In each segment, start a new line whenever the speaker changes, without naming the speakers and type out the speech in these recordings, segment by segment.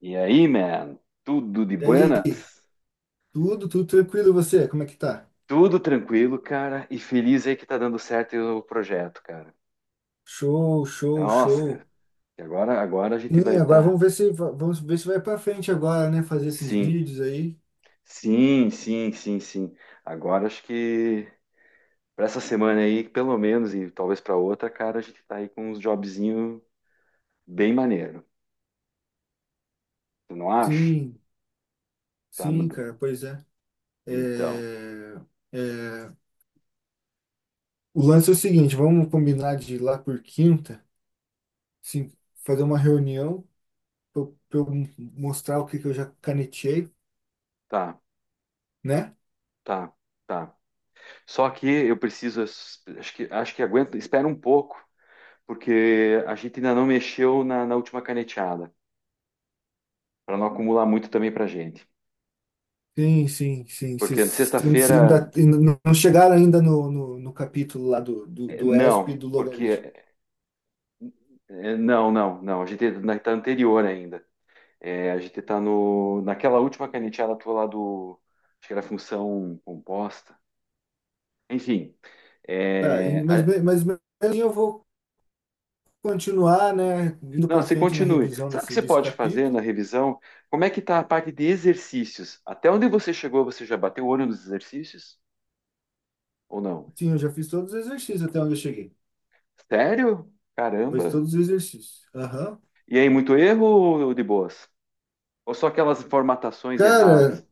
E aí, man? Tudo de
E aí,
buenas?
tudo tranquilo, e você? Como é que tá?
Tudo tranquilo, cara, e feliz aí que tá dando certo o projeto, cara.
Show, show,
Nossa,
show.
cara, e agora a gente vai
Sim, agora
estar.
vamos ver se va- vamos ver se vai pra frente agora, né? Fazer esses
Sim,
vídeos aí.
sim, sim, sim, sim. Agora acho que para essa semana aí, pelo menos, e talvez para outra, cara, a gente tá aí com uns jobzinho bem maneiro. Tu não acha?
Sim,
Tá,
sim, cara, pois é.
então,
É, é. O lance é o seguinte, vamos combinar de ir lá por quinta, sim, fazer uma reunião para eu pra eu mostrar o que que eu já canetei,
tá,
né?
tá, tá. Só que eu preciso, acho que aguento, espera um pouco, porque a gente ainda não mexeu na última caneteada, para não acumular muito também para a gente.
Sim, sim, sim.
Porque
Vocês
sexta-feira,
ainda, ainda não chegaram ainda no capítulo lá do, do, do ESP e
não,
do logaritmo.
porque não, não, não, a gente está anterior ainda. A gente está no, naquela última caneteada tua lá do, acho que era função composta. Enfim,
Tá,
eh,
mas,
a-
me- mas mesmo assim eu vou continuar, né, indo
não,
para
você
frente na
continue.
revisão
Sabe o que
desse,
você
desse
pode fazer na
capítulo.
revisão? Como é que está a parte de exercícios? Até onde você chegou, você já bateu o olho nos exercícios? Ou não?
Sim, eu já fiz todos os exercícios até onde eu cheguei.
Sério?
Fiz
Caramba!
todos os exercícios. Aham.
E aí, muito erro ou de boas? Ou só aquelas formatações
Cara,
erradas?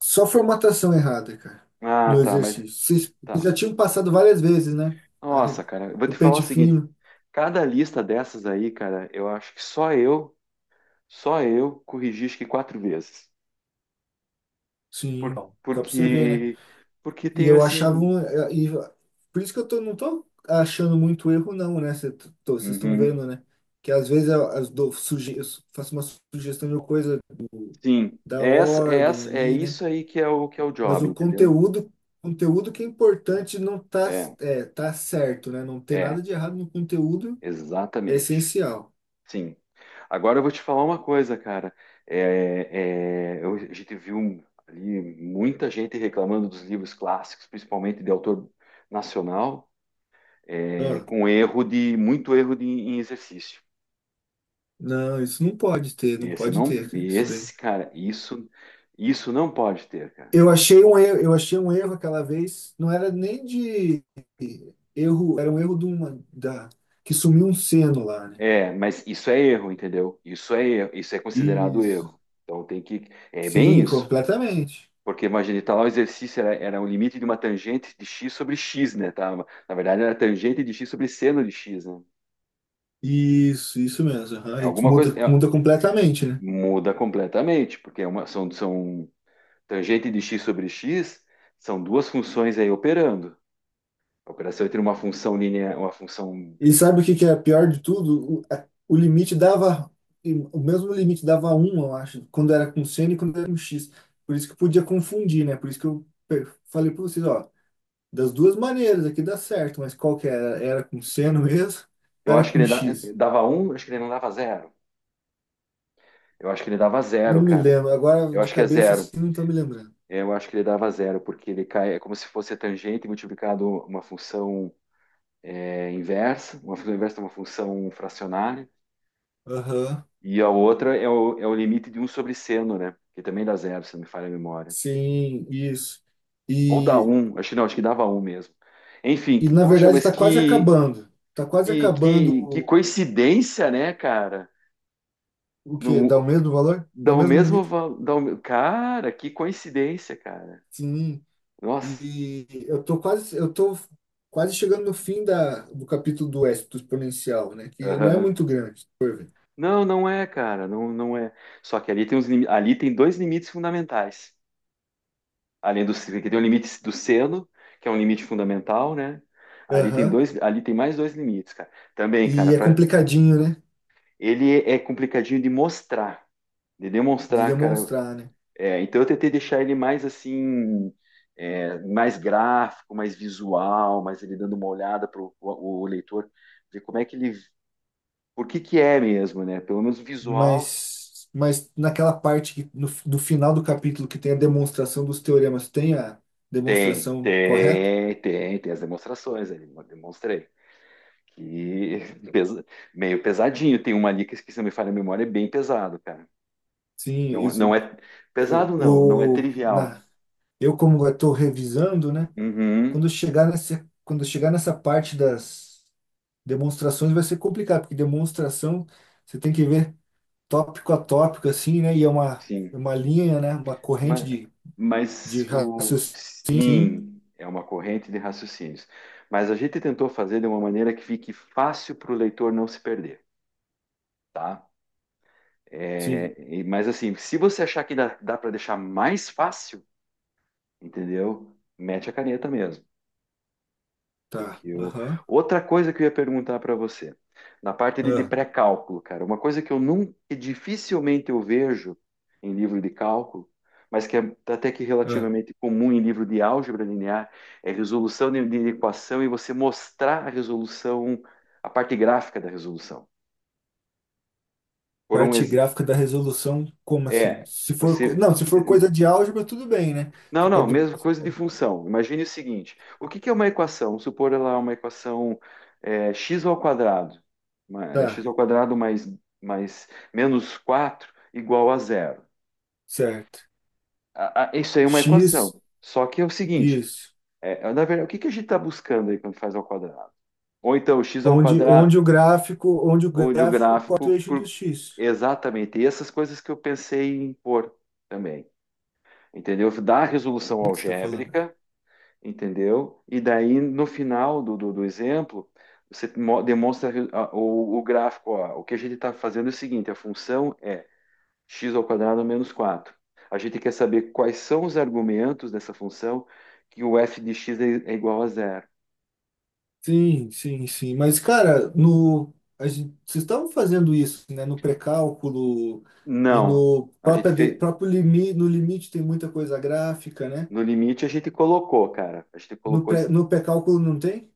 só formatação errada, cara,
Ah,
no
tá, mas
exercício. Vocês
tá.
já tinham passado várias vezes, né? A re-
Nossa, cara, eu vou
O
te falar o
pente
seguinte:
fino.
cada lista dessas aí, cara, eu acho que só eu corrigi acho que 4 vezes.
Sim,
Por,
bom, só para você ver, né?
porque, porque
E
tenho
eu achava
assim.
um, e, por isso que não tô achando muito erro não, né? Vocês estão
Uhum,
vendo, né? Que às vezes eu faço uma sugestão de uma coisa do-
sim,
da
é, essa, é,
ordem
essa, é
ali, né?
isso aí que é o
Mas
job,
o
entendeu?
conteúdo que é importante não tá,
É,
tá certo, né? Não tem
é,
nada de errado no conteúdo, é
exatamente.
essencial.
Sim. Agora eu vou te falar uma coisa, cara. É, a gente viu ali muita gente reclamando dos livros clássicos, principalmente de autor nacional,
Ó,
com erro de muito erro de, em exercício.
não, isso não pode ter, não
Esse
pode
não,
ter, cara, isso daí.
esse cara, isso não pode ter, cara.
Eu achei um erro, eu achei um erro aquela vez, não era nem de erro, era um erro da, que sumiu um seno lá, né?
É, mas isso é erro, entendeu? Isso é erro, isso é considerado
Isso,
erro. Então tem que, é bem
sim,
isso.
completamente.
Porque imagina, tá lá o exercício era, era o limite de uma tangente de x sobre x, né? Tá? Na verdade, era tangente de x sobre seno de x, né?
Isso mesmo.
É
Aham. E
alguma coisa.
Muda, muda completamente, né?
Muda completamente, porque são tangente de x sobre x, são duas funções aí operando. A operação entre uma função linear, uma função.
E sabe o que que é pior de tudo? O mesmo limite dava um eu acho, quando era com seno e quando era com X. Por isso que podia confundir, né? Por isso que eu falei para vocês, ó, das duas maneiras aqui dá certo, mas qual que era? Era com seno mesmo?
Eu
Era
acho que
com
ele dá-
X?
Dava um, acho que ele não dava zero. Eu acho que ele dava zero,
Não me
cara.
lembro. Agora
Eu
de
acho que é
cabeça
zero.
assim não tô me lembrando.
Eu acho que ele dava zero, porque ele cai, é como se fosse a tangente multiplicado uma função, é inversa, uma função inversa é uma função fracionária,
Aham.
e a outra é é o limite de um sobre seno, né? Que também dá zero, se não me falha a memória.
Sim, isso.
Ou dá
E,
um, acho que não, acho que dava um mesmo. Enfim,
e
que,
na
poxa,
verdade
mas que,
está quase
que,
acabando
que, que
o,
coincidência, né, cara?
o quê?
No,
Dá o mesmo valor? Dá
dá
o
o
mesmo
mesmo
limite?
valor. Cara, que coincidência, cara.
Sim.
Nossa.
E eu tô quase chegando no fim do capítulo do Éxito exponencial, né? Que não é
Aham.
muito grande, por ver.
Não, não é, cara, não, não é. Só que ali tem, uns, ali tem dois limites fundamentais. Além do que tem o limite do seno, que é um limite fundamental, né? Ali tem
Aham.
dois, ali tem mais dois limites, cara. Também, cara,
E é
para
complicadinho, né?
ele é complicadinho de mostrar, de
De
demonstrar, cara.
demonstrar, né?
É, então eu tentei deixar ele mais assim, mais gráfico, mais visual, mais ele dando uma olhada para o leitor ver como é que ele, por que que é mesmo, né? Pelo menos visual
Mas naquela parte que, no, do final do capítulo que tem a demonstração dos teoremas, tem a
tem,
demonstração correta?
tem, tem, tem as demonstrações, ele demonstrei. Que pesa- meio pesadinho. Tem uma ali que, se não me falha a memória, é bem pesado, cara.
Sim,
Não, não
isso,
é
eu,
pesado, não, não é
o, na,
trivial.
eu como estou revisando, né?
Uhum,
Quando chegar nessa parte das demonstrações vai ser complicado, porque demonstração você tem que ver tópico a tópico, assim, né? E é uma,
sim.
é uma linha, né? Uma corrente
Mas,
de
mas o
raciocínio. Sim,
sim é uma corrente de raciocínios. Mas a gente tentou fazer de uma maneira que fique fácil para o leitor não se perder, tá?
sim,
Mas assim, se você achar que dá, dá para deixar mais fácil, entendeu? Mete a caneta mesmo.
tá.
Porque eu...
Aham.
Outra coisa que eu ia perguntar para você, na parte de
Ah,
pré-cálculo, cara, uma coisa que eu nunca, que dificilmente eu vejo em livro de cálculo, mas que é até que
ah.
relativamente comum em livro de álgebra linear, é resolução de equação e você mostrar a resolução, a parte gráfica da resolução. Por um
Parte
exemplo,
gráfica da resolução, como assim?
é,
Se for,
você
não, se for coisa de álgebra, tudo bem, né?
Não,
Você
não,
pode,
mesma coisa de função. Imagine o seguinte: o que que é uma equação? Vamos supor ela é uma equação x ao quadrado, x
tá,
ao quadrado mais menos 4 igual a zero.
certo.
Isso aí é uma
X,
equação. Só que é o seguinte:
isso.
na verdade, o que que a gente está buscando aí quando faz ao quadrado? Ou então x ao
Onde,
quadrado,
onde o gráfico, onde o
onde o
gráfico corta o
gráfico
eixo do
cur-
X.
exatamente, e essas coisas que eu pensei em pôr também. Entendeu? Dá a resolução
Como é que você está falando?
algébrica, entendeu? E daí, no final do exemplo, você demonstra o gráfico. Ó, o que a gente está fazendo é o seguinte, a função é x ao quadrado menos quatro. A gente quer saber quais são os argumentos dessa função que o f de x é igual a zero.
Sim, sim, sim. Mas, cara, no, a gente, vocês estavam fazendo isso, né? No pré-cálculo e
Não,
no
a gente
própria, de-
fez,
próprio limite, no limite tem muita coisa gráfica, né?
no limite a gente colocou, cara, a gente
No
colocou.
pré, no pré-cálculo não tem?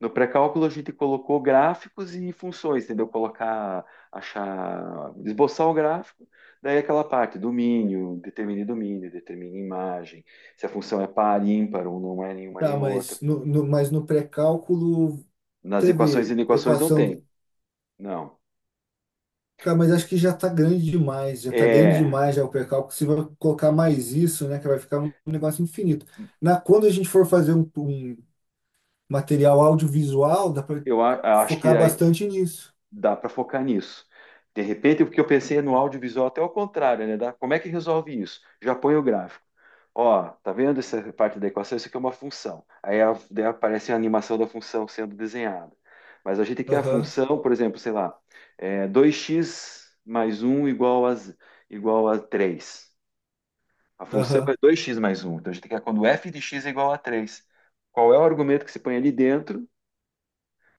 No pré-cálculo a gente colocou gráficos e funções, entendeu? Colocar, achar, esboçar o gráfico, daí aquela parte, domínio, determine imagem, se a função é par, ímpar ou não é nenhuma
Tá,
nem outra.
mas no pré-cálculo
Nas equações e
teve
inequações não
equação
tem,
do.
não.
Cara, mas acho que já tá grande demais, já tá grande
É,
demais já o pré-cálculo. Se vai colocar mais isso, né, que vai ficar um negócio infinito. Quando a gente for fazer um material audiovisual, dá para
eu a- Acho que
focar
aí
bastante nisso.
dá para focar nisso. De repente, o que eu pensei no audiovisual até o contrário, né? Dá, como é que resolve isso? Já põe o gráfico. Ó, tá vendo essa parte da equação? Isso aqui é uma função. Daí aparece a animação da função sendo desenhada. Mas a gente quer a
Aham,
função, por exemplo, sei lá, é 2x mais um igual a, igual a três. A função é
aham.
dois x mais um. Então a gente quer quando f de x é igual a três. Qual é o argumento que se põe ali dentro?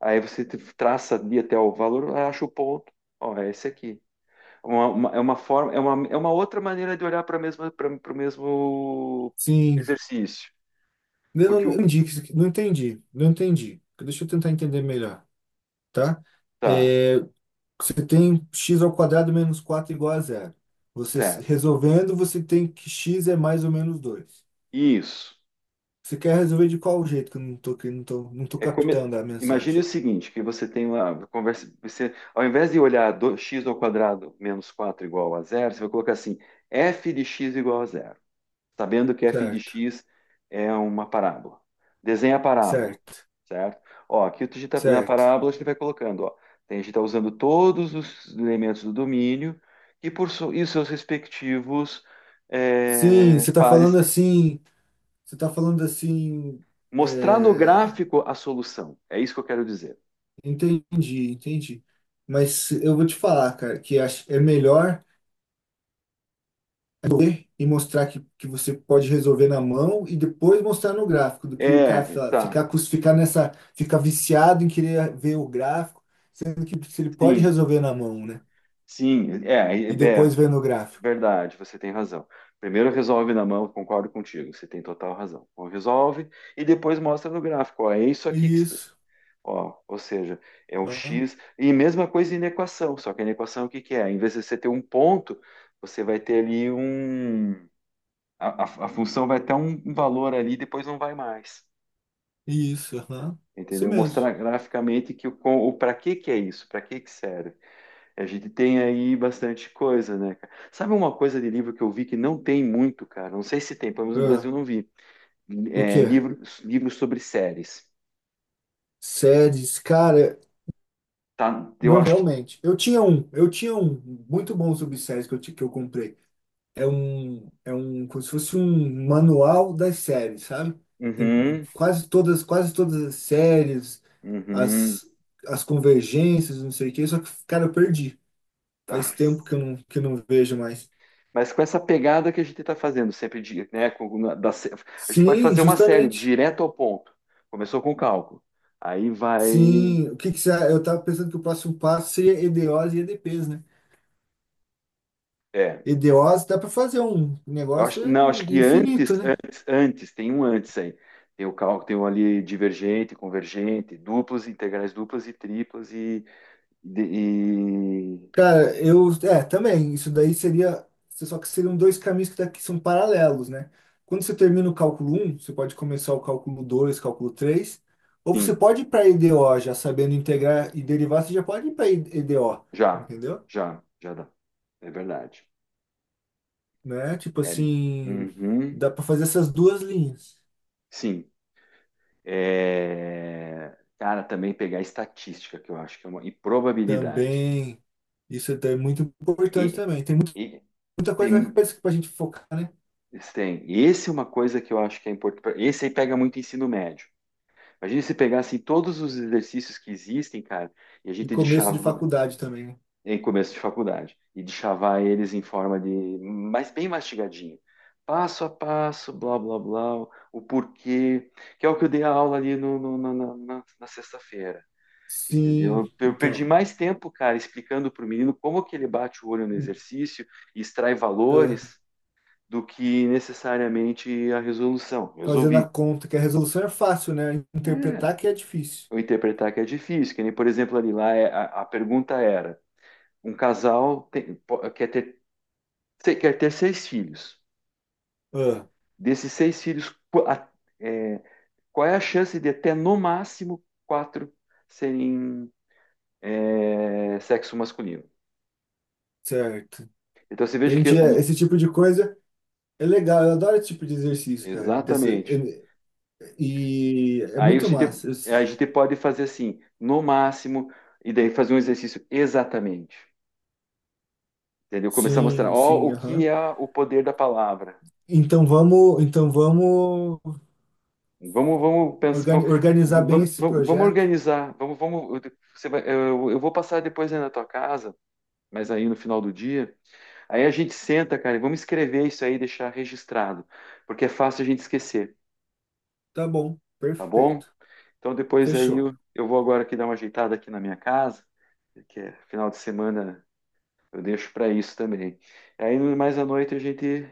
Traça ali até o valor, acha o ponto. Ó, é esse aqui. Uma- é uma forma, é uma outra maneira de olhar para mesma, para o mesmo
Sim.
exercício.
Eu não,
Porque
não
o.
entendi, não entendi, não entendi. Deixa eu tentar entender melhor, tá?
Tá,
É, você tem x ao quadrado menos 4 igual a zero. Você
certo.
resolvendo, você tem que x é mais ou menos 2.
Isso.
Você quer resolver de qual jeito que eu não tô, que eu não tô, não tô
É come...
captando a
Imagine o
mensagem?
seguinte, que você tem uma conversa, você, ao invés de olhar x ao quadrado menos 4 igual a zero, você vai colocar assim, f de x igual a zero, sabendo que f de
Certo,
x é uma parábola. Desenha a parábola,
certo,
certo? Ó, aqui a gente tá, na
certo.
parábola a gente vai colocando, ó, a gente está usando todos os elementos do domínio e, e seus respectivos
Sim, você está
pares.
falando assim, você está falando assim,
Mostrar no
é,
gráfico a solução. É isso que eu quero dizer.
entendi, entendi. Mas eu vou te falar, cara, que é melhor é correr e mostrar que você pode resolver na mão e depois mostrar no gráfico, do que o cara
É,
fa-
tá.
ficar, cus- ficar nessa, ficar viciado em querer ver o gráfico, sendo que se ele pode
Sim,
resolver na mão, né?
sim. É, é,
E
é
depois ver no gráfico.
verdade, você tem razão. Primeiro resolve na mão, concordo contigo, você tem total razão. Então, resolve e depois mostra no gráfico. Ó, é isso aqui que você...
Isso,
Ó, ou seja, é o
aham,
x. E mesma coisa em equação, só que na equação o que que é? Em vez de você ter um ponto, você vai ter ali um. A função vai ter um valor ali, depois não vai mais.
isso, aham, isso
Entendeu? Mostrar
mesmo.
graficamente que o para que que é isso, para que que serve. A gente tem aí bastante coisa, né, cara? Sabe uma coisa de livro que eu vi que não tem muito, cara? Não sei se tem, pelo menos no
Ah,
Brasil não vi.
o
É,
quê?
livro sobre séries.
Séries, cara,
Tá? Eu
não
acho que.
realmente. Eu tinha um muito bom subséries que eu comprei. É um, como se fosse um manual das séries, sabe? Tem
Uhum,
quase todas as séries,
uhum.
as, as convergências, não sei o quê, só que, cara, eu perdi.
Ah,
Faz tempo que eu não vejo mais.
mas com essa pegada que a gente está fazendo sempre, de, né? A gente pode
Sim,
fazer uma série
justamente.
direto ao ponto. Começou com cálculo. Aí vai.
Sim, o que que você, eu tava pensando que o próximo passo seria EDOs e EDPs, né?
É.
EDOs dá para fazer um
Eu
negócio
acho, não, acho que antes,
infinito, né?
antes, antes, tem um antes aí. Tem o cálculo, tem um ali divergente, convergente, duplas, integrais duplas e triplas de- e
Cara, eu. É, também. Isso daí seria. Só que seriam dois caminhos que daqui são paralelos, né? Quando você termina o cálculo um você pode começar o cálculo 2 cálculo três. Ou você
sim,
pode ir para EDO já sabendo integrar e derivar, você já pode ir para EDO,
já,
entendeu?
já dá. É verdade.
Né? Tipo
É,
assim,
uhum,
dá para fazer essas duas linhas
sim. É, cara, também pegar estatística, que eu acho que é uma, e probabilidade.
também. Isso é muito
E,
importante também. Tem
e
muita
tem,
coisa para a gente focar, né?
tem. Esse é uma coisa que eu acho que é importante. Esse aí pega muito ensino médio. Imagina se pegassem todos os exercícios que existem, cara, e a
E
gente
começo de
deixava
faculdade também, né?
em começo de faculdade, e deixava eles em forma de, mas bem mastigadinho. Passo a passo, blá, blá, blá, o porquê, que é o que eu dei a aula ali na sexta-feira,
Sim,
entendeu? Eu perdi
então.
mais tempo, cara, explicando para o menino como que ele bate o olho no exercício e extrai valores do que necessariamente a resolução.
Fazendo a
Resolvi,
conta que a resolução é fácil, né? Interpretar que é difícil.
eu interpretar que é difícil. Que nem, por exemplo, ali lá a pergunta era: um casal tem- po- quer ter, se- quer ter 6 filhos.
Ah,
Desses 6 filhos, é, qual é a chance de até no máximo 4 serem sexo masculino?
certo.
Então você veja que
Entendi.
é
É,
um...
esse tipo de coisa é legal. Eu adoro esse tipo de exercício, cara. Dessa,
Exatamente.
e é muito massa. Eu
A gente pode fazer assim, no máximo, e daí fazer um exercício exatamente. Entendeu? Começar a mostrar,
Sim,
ó, o
sim,
que
aham.
é o poder da palavra.
Então vamos
Vamos, vamos pensar,
organi-
vamos,
organizar bem
vamos,
esse
vamos vamos
projeto.
organizar. Você vai, eu vou passar depois aí na tua casa, mas aí no final do dia. Aí a gente senta, cara, e vamos escrever isso aí, e deixar registrado, porque é fácil a gente esquecer,
Tá bom.
tá bom?
Perfeito.
Então depois aí
Fechou.
eu vou agora aqui dar uma ajeitada aqui na minha casa, que é final de semana eu deixo para isso também. Aí mais à noite a gente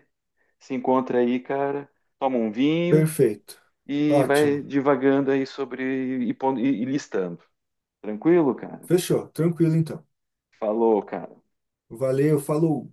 se encontra aí, cara, toma um vinho
Perfeito.
e vai
Ótimo.
divagando aí sobre e listando. Tranquilo, cara?
Fechou. Tranquilo, então.
Falou, cara.
Valeu, falou.